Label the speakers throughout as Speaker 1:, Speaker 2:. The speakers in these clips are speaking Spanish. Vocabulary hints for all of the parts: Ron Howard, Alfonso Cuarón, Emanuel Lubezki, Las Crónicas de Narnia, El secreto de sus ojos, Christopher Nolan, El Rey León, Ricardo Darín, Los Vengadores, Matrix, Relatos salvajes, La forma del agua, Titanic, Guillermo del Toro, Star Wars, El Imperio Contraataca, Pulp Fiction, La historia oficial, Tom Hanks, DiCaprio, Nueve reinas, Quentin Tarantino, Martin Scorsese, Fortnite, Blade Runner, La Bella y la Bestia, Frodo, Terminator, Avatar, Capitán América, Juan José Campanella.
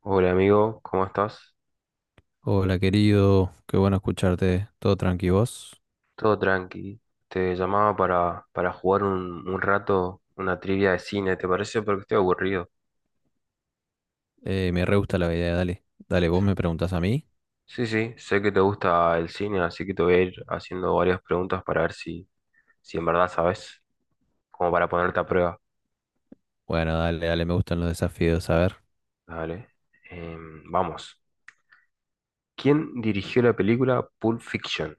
Speaker 1: Hola amigo, ¿cómo estás?
Speaker 2: Hola querido, qué bueno escucharte, todo tranqui vos.
Speaker 1: Todo tranqui. Te llamaba para jugar un rato una trivia de cine, ¿te parece? Porque estoy aburrido.
Speaker 2: Me re gusta la idea, dale. Dale, vos me preguntás a mí.
Speaker 1: Sí, sí, sé que te gusta el cine, así que te voy a ir haciendo varias preguntas para ver si, si en verdad sabes, como para ponerte a prueba.
Speaker 2: Bueno, dale, dale, me gustan los desafíos, a ver.
Speaker 1: Dale. Vamos. ¿Quién dirigió la película Pulp Fiction?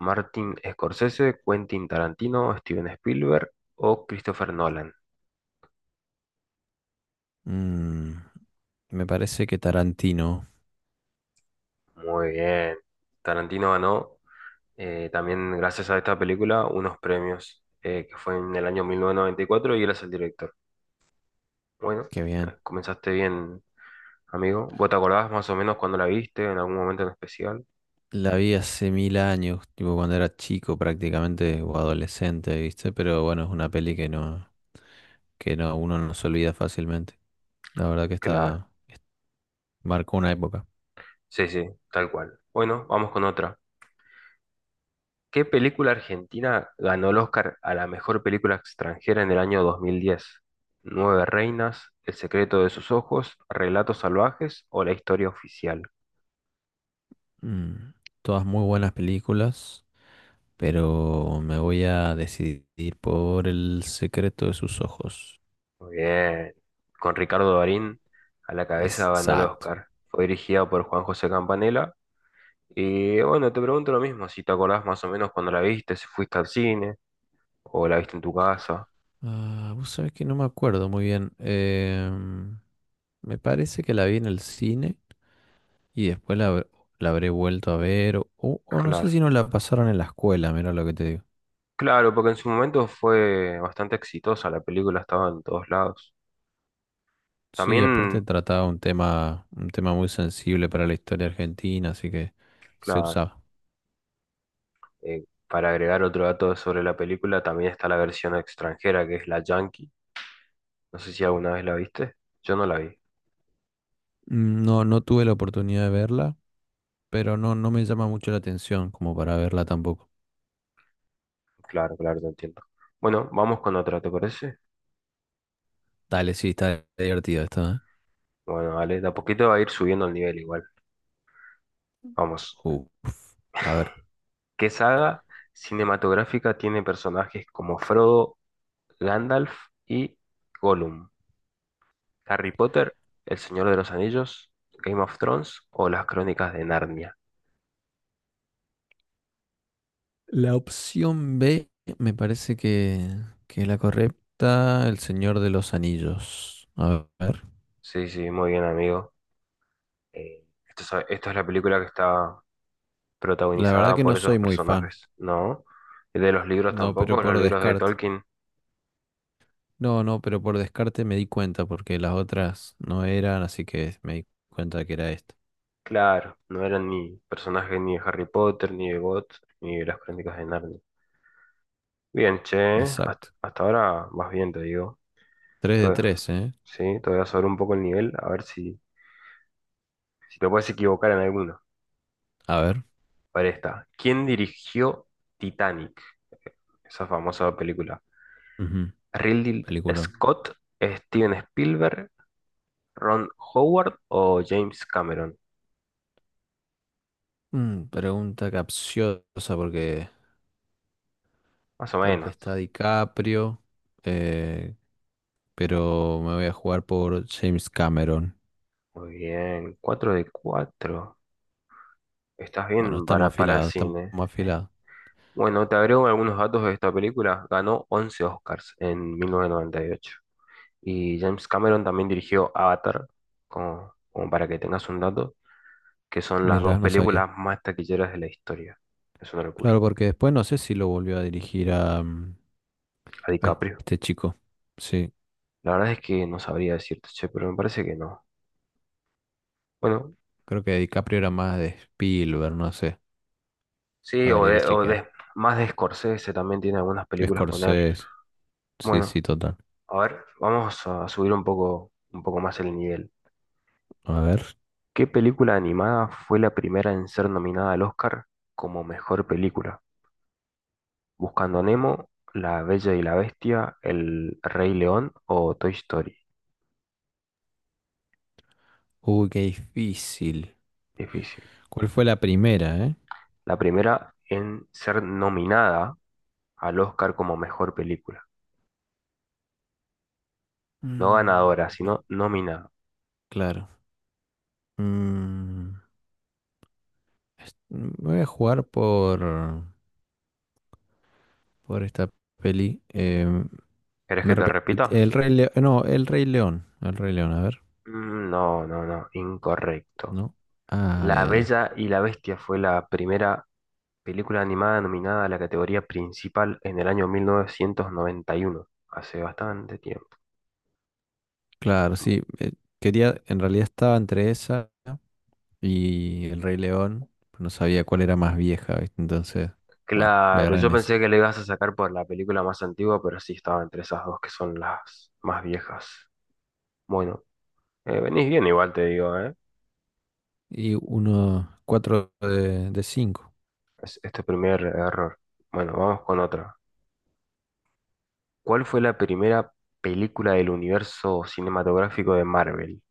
Speaker 1: ¿Martin Scorsese, Quentin Tarantino, Steven Spielberg o Christopher Nolan?
Speaker 2: Mm, Me parece que Tarantino.
Speaker 1: Muy bien. Tarantino ganó. También gracias a esta película, unos premios, que fue en el año 1994 y cuatro, y él es el director. Bueno,
Speaker 2: Qué bien.
Speaker 1: comenzaste bien, amigo. ¿Vos te acordás más o menos cuando la viste, en algún momento en especial?
Speaker 2: La vi hace mil años, tipo cuando era chico prácticamente o adolescente, ¿viste? Pero bueno, es una peli que no, uno no se olvida fácilmente. La verdad que
Speaker 1: Claro,
Speaker 2: marcó una época.
Speaker 1: sí, sí, tal cual. Bueno, vamos con otra. ¿Qué película argentina ganó el Oscar a la mejor película extranjera en el año 2010? ¿Nueve reinas, El secreto de sus ojos, Relatos salvajes o La historia oficial?
Speaker 2: Mm, Todas muy buenas películas. Pero me voy a decidir por el secreto de sus ojos.
Speaker 1: Muy bien. Con Ricardo Darín a la cabeza ganó el
Speaker 2: Exacto.
Speaker 1: Oscar. Fue dirigida por Juan José Campanella. Y bueno, te pregunto lo mismo, si te acordás más o menos cuando la viste, si fuiste al cine o la viste en tu casa.
Speaker 2: Ah, vos sabés que no me acuerdo muy bien. Me parece que la vi en el cine y después la habré vuelto a ver. O no sé
Speaker 1: Claro.
Speaker 2: si no la pasaron en la escuela, mira lo que te digo.
Speaker 1: Claro, porque en su momento fue bastante exitosa, la película estaba en todos lados.
Speaker 2: Sí, aparte
Speaker 1: También,
Speaker 2: trataba un tema muy sensible para la historia argentina, así que se
Speaker 1: claro,
Speaker 2: usaba.
Speaker 1: para agregar otro dato sobre la película, también está la versión extranjera que es la Yankee. No sé si alguna vez la viste. Yo no la vi.
Speaker 2: No, no tuve la oportunidad de verla, pero no, no me llama mucho la atención como para verla tampoco.
Speaker 1: Claro, claro, te entiendo. Bueno, vamos con otra, ¿te parece?
Speaker 2: Dale, sí, está divertido esto, ¿eh?
Speaker 1: Bueno, vale, de a poquito va a ir subiendo el nivel igual. Vamos.
Speaker 2: Uf. A ver.
Speaker 1: ¿Qué saga cinematográfica tiene personajes como Frodo, Gandalf y Gollum? ¿Harry Potter, El Señor de los Anillos, Game of Thrones o Las Crónicas de Narnia?
Speaker 2: La opción B me parece que es la correcta, El Señor de los Anillos. A ver.
Speaker 1: Sí, sí, muy bien, amigo. Esta es la película que está
Speaker 2: La verdad
Speaker 1: protagonizada
Speaker 2: que
Speaker 1: por
Speaker 2: no
Speaker 1: esos
Speaker 2: soy muy fan.
Speaker 1: personajes, ¿no? Y de los libros
Speaker 2: No, pero
Speaker 1: tampoco, los
Speaker 2: por
Speaker 1: libros de
Speaker 2: descarte.
Speaker 1: Tolkien,
Speaker 2: No, no, pero por descarte me di cuenta porque las otras no eran, así que me di cuenta que era esta.
Speaker 1: claro, no eran ni personajes ni de Harry Potter, ni de God, ni de Las Crónicas de Narnia. Bien, che, hasta,
Speaker 2: Exacto.
Speaker 1: hasta ahora vas bien, te digo.
Speaker 2: tres de
Speaker 1: Todo-
Speaker 2: tres ¿eh?
Speaker 1: sí, todavía sobre un poco el nivel, a ver si, si te puedes equivocar en alguno.
Speaker 2: A ver.
Speaker 1: Para esta, ¿quién dirigió Titanic? Esa famosa película.
Speaker 2: Ujú.
Speaker 1: ¿Ridley
Speaker 2: Peliculón.
Speaker 1: Scott, Steven Spielberg, Ron Howard o James Cameron?
Speaker 2: Pregunta capciosa porque,
Speaker 1: Más o
Speaker 2: porque
Speaker 1: menos.
Speaker 2: está DiCaprio. Eh, pero me voy a jugar por James Cameron.
Speaker 1: Muy bien, 4 de cuatro. Estás
Speaker 2: Bueno,
Speaker 1: bien
Speaker 2: estamos
Speaker 1: para el
Speaker 2: afilados, estamos
Speaker 1: cine.
Speaker 2: afilados.
Speaker 1: Bueno, te agrego algunos datos de esta película. Ganó 11 Oscars en 1998. Y James Cameron también dirigió Avatar, como, como para que tengas un dato, que son las dos
Speaker 2: Mira, no sabía.
Speaker 1: películas más taquilleras de la historia. Es una locura.
Speaker 2: Claro, porque después no sé si lo volvió a dirigir a, mm,
Speaker 1: A
Speaker 2: a
Speaker 1: DiCaprio.
Speaker 2: este chico. Sí,
Speaker 1: La verdad es que no sabría decirte, che, pero me parece que no. Bueno,
Speaker 2: creo que DiCaprio era más de Spielberg, no sé.
Speaker 1: sí,
Speaker 2: Habría que
Speaker 1: o
Speaker 2: chequear.
Speaker 1: de- más de Scorsese también tiene algunas películas con él.
Speaker 2: Scorsese, sí,
Speaker 1: Bueno,
Speaker 2: sí, total.
Speaker 1: a ver, vamos a subir un poco más el nivel.
Speaker 2: A ver.
Speaker 1: ¿Qué película animada fue la primera en ser nominada al Oscar como mejor película? Buscando a Nemo, La Bella y la Bestia, El Rey León o Toy Story.
Speaker 2: Uy, qué difícil.
Speaker 1: Difícil.
Speaker 2: ¿Cuál fue la primera, eh?
Speaker 1: La primera en ser nominada al Oscar como mejor película. No ganadora,
Speaker 2: Bueno,
Speaker 1: sino nominada.
Speaker 2: claro. Mm, Me voy a jugar por esta peli.
Speaker 1: ¿Querés que te
Speaker 2: El
Speaker 1: repitas?
Speaker 2: Rey León. No, El Rey León. El Rey León, a ver.
Speaker 1: Mm, no, no, no, incorrecto.
Speaker 2: No. Ay,
Speaker 1: La
Speaker 2: ay, ay.
Speaker 1: Bella y la Bestia fue la primera película animada nominada a la categoría principal en el año 1991, hace bastante tiempo.
Speaker 2: Claro, sí. En realidad estaba entre esa y El Rey León, pero no sabía cuál era más vieja, ¿viste? Entonces, bueno, le
Speaker 1: Claro,
Speaker 2: agarré
Speaker 1: yo
Speaker 2: en eso.
Speaker 1: pensé que le ibas a sacar por la película más antigua, pero sí estaba entre esas dos que son las más viejas. Bueno, venís bien igual te digo, ¿eh?
Speaker 2: Y uno, cuatro de cinco.
Speaker 1: Es, este primer error. Bueno, vamos con otra. ¿Cuál fue la primera película del universo cinematográfico de Marvel?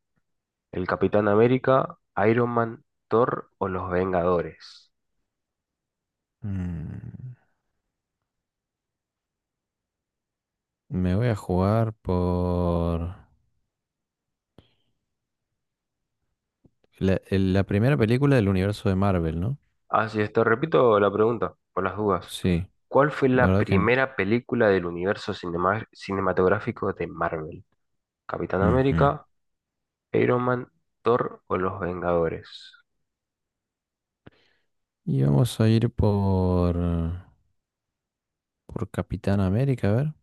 Speaker 1: ¿El Capitán América, Iron Man, Thor o Los Vengadores?
Speaker 2: Mm, Me voy a jugar por la primera película del universo de Marvel, ¿no?
Speaker 1: Así es, te repito la pregunta, por las dudas.
Speaker 2: Sí,
Speaker 1: ¿Cuál fue
Speaker 2: la
Speaker 1: la
Speaker 2: verdad que no.
Speaker 1: primera película del universo cinematográfico de Marvel? Capitán
Speaker 2: Ujú.
Speaker 1: América, Iron Man, Thor o Los Vengadores.
Speaker 2: Y vamos a ir por... Por Capitán América, a ver.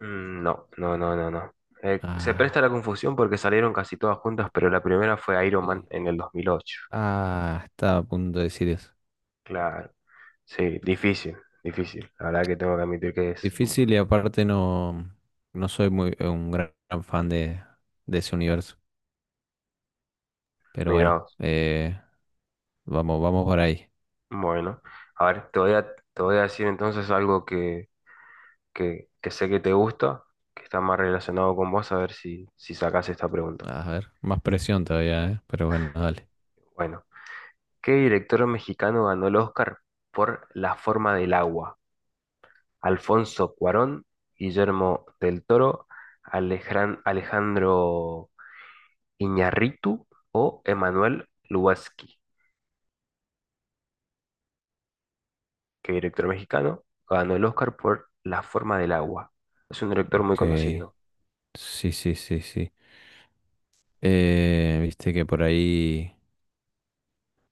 Speaker 1: Mm, no, no, no, no, no. Se presta la
Speaker 2: Ah,
Speaker 1: confusión porque salieron casi todas juntas, pero la primera fue Iron Man
Speaker 2: sí.
Speaker 1: en el 2008.
Speaker 2: Ah, estaba a punto de decir eso.
Speaker 1: Claro. Sí, difícil, difícil. La verdad que tengo que admitir que es...
Speaker 2: Difícil y aparte no, no soy muy un gran, gran fan de ese universo. Pero
Speaker 1: Mira,
Speaker 2: bueno,
Speaker 1: vos.
Speaker 2: vamos, vamos por ahí.
Speaker 1: Bueno, a ver, te voy a decir entonces algo que sé que te gusta, que está más relacionado con vos, a ver si, si sacás esta pregunta.
Speaker 2: A ver, más presión todavía, ¿eh? Pero bueno, dale.
Speaker 1: Bueno, ¿qué director mexicano ganó el Oscar por La forma del agua? Alfonso Cuarón, Guillermo del Toro, Alejandro Iñárritu o Emanuel Lubezki, que director mexicano, ganó el Oscar por La forma del agua. Es un director muy
Speaker 2: Ok.
Speaker 1: conocido.
Speaker 2: Sí, sí, sí, sí. Viste que por ahí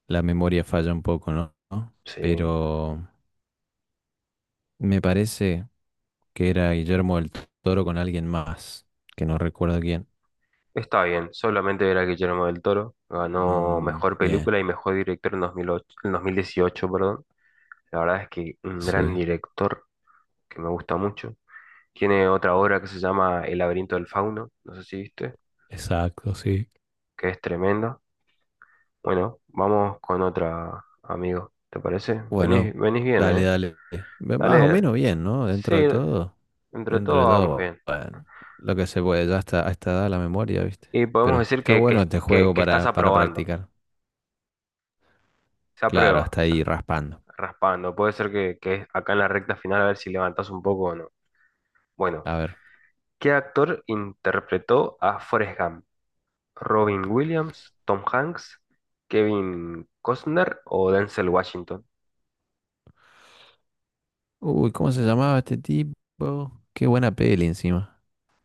Speaker 2: la memoria falla un poco, ¿no? ¿No?
Speaker 1: Sí,
Speaker 2: Pero me parece que era Guillermo del Toro con alguien más, que no recuerdo quién.
Speaker 1: está bien. Solamente era Guillermo del Toro. Ganó mejor
Speaker 2: Bien,
Speaker 1: película y mejor director en 2008, en 2018, perdón. La verdad es que un gran
Speaker 2: sí.
Speaker 1: director que me gusta mucho. Tiene otra obra que se llama El laberinto del fauno, no sé si viste,
Speaker 2: Exacto, sí.
Speaker 1: que es tremenda. Bueno, vamos con otra, amigo. ¿Te parece? Venís,
Speaker 2: Bueno,
Speaker 1: venís bien,
Speaker 2: dale,
Speaker 1: ¿eh?
Speaker 2: dale. Más o
Speaker 1: Dale.
Speaker 2: menos bien, ¿no?
Speaker 1: Sí,
Speaker 2: Dentro de todo.
Speaker 1: entre
Speaker 2: Dentro de
Speaker 1: todo vamos
Speaker 2: todo,
Speaker 1: bien.
Speaker 2: bueno, lo que se puede, ya está, a esta edad la memoria, ¿viste?
Speaker 1: Y podemos
Speaker 2: Pero
Speaker 1: decir
Speaker 2: está
Speaker 1: que,
Speaker 2: bueno
Speaker 1: que,
Speaker 2: este
Speaker 1: que-
Speaker 2: juego
Speaker 1: que estás
Speaker 2: para,
Speaker 1: aprobando.
Speaker 2: practicar.
Speaker 1: Se
Speaker 2: Claro,
Speaker 1: aprueba, o
Speaker 2: hasta ahí
Speaker 1: sea,
Speaker 2: raspando.
Speaker 1: raspando. Puede ser que acá en la recta final a ver si levantás un poco o no. Bueno,
Speaker 2: A ver.
Speaker 1: ¿qué actor interpretó a Forrest Gump? ¿Robin Williams, Tom Hanks, Kevin Costner o Denzel Washington?
Speaker 2: Uy, ¿cómo se llamaba este tipo? Qué buena peli encima.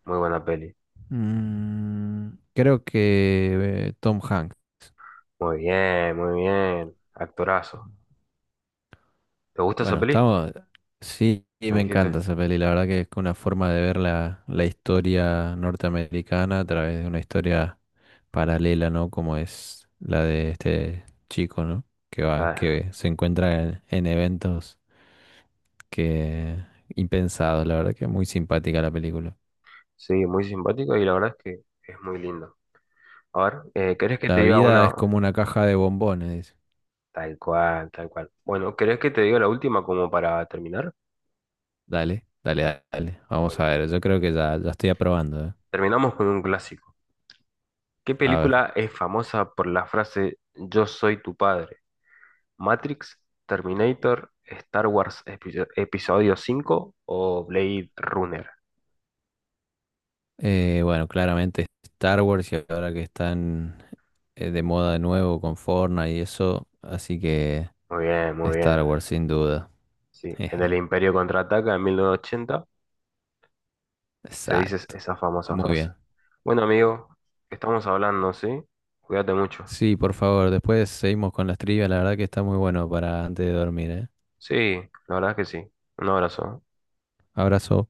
Speaker 1: Muy buena peli.
Speaker 2: Mm, Creo que Tom Hanks.
Speaker 1: Muy bien, muy bien. Actorazo. ¿Te gusta esa
Speaker 2: Bueno,
Speaker 1: peli?
Speaker 2: estamos. Sí, sí,
Speaker 1: Me
Speaker 2: me
Speaker 1: dijiste.
Speaker 2: encanta esa peli. La verdad que es una forma de ver la historia norteamericana a través de una historia paralela, ¿no? Como es la de este chico, ¿no? Que va,
Speaker 1: Ah,
Speaker 2: que se encuentra en eventos que impensados. La verdad que es muy simpática la película.
Speaker 1: sí, muy simpático y la verdad es que es muy lindo. A ver, ¿querés que te
Speaker 2: La
Speaker 1: diga
Speaker 2: vida
Speaker 1: una?
Speaker 2: es como una caja de bombones, dice.
Speaker 1: Tal cual, tal cual. Bueno, ¿querés que te diga la última como para terminar?
Speaker 2: Dale, dale, dale. Vamos
Speaker 1: Bueno,
Speaker 2: a ver. Yo creo que ya, ya estoy aprobando, ¿eh?
Speaker 1: terminamos con un clásico. ¿Qué
Speaker 2: A ver.
Speaker 1: película es famosa por la frase Yo soy tu padre? ¿Matrix, Terminator, Star Wars Episodio 5 o Blade Runner?
Speaker 2: Bueno, claramente Star Wars y ahora que están de moda de nuevo con Fortnite y eso, así que
Speaker 1: Muy bien, muy bien.
Speaker 2: Star Wars sin duda.
Speaker 1: Sí, en el
Speaker 2: Jeje.
Speaker 1: Imperio Contraataca en 1980 se dice
Speaker 2: Exacto.
Speaker 1: esa famosa
Speaker 2: Muy
Speaker 1: frase.
Speaker 2: bien.
Speaker 1: Bueno, amigo, estamos hablando, ¿sí? Cuídate mucho.
Speaker 2: Sí, por favor, después seguimos con las trivias, la verdad que está muy bueno para antes de dormir, ¿eh?
Speaker 1: Sí, la verdad es que sí. Un abrazo.
Speaker 2: Abrazo.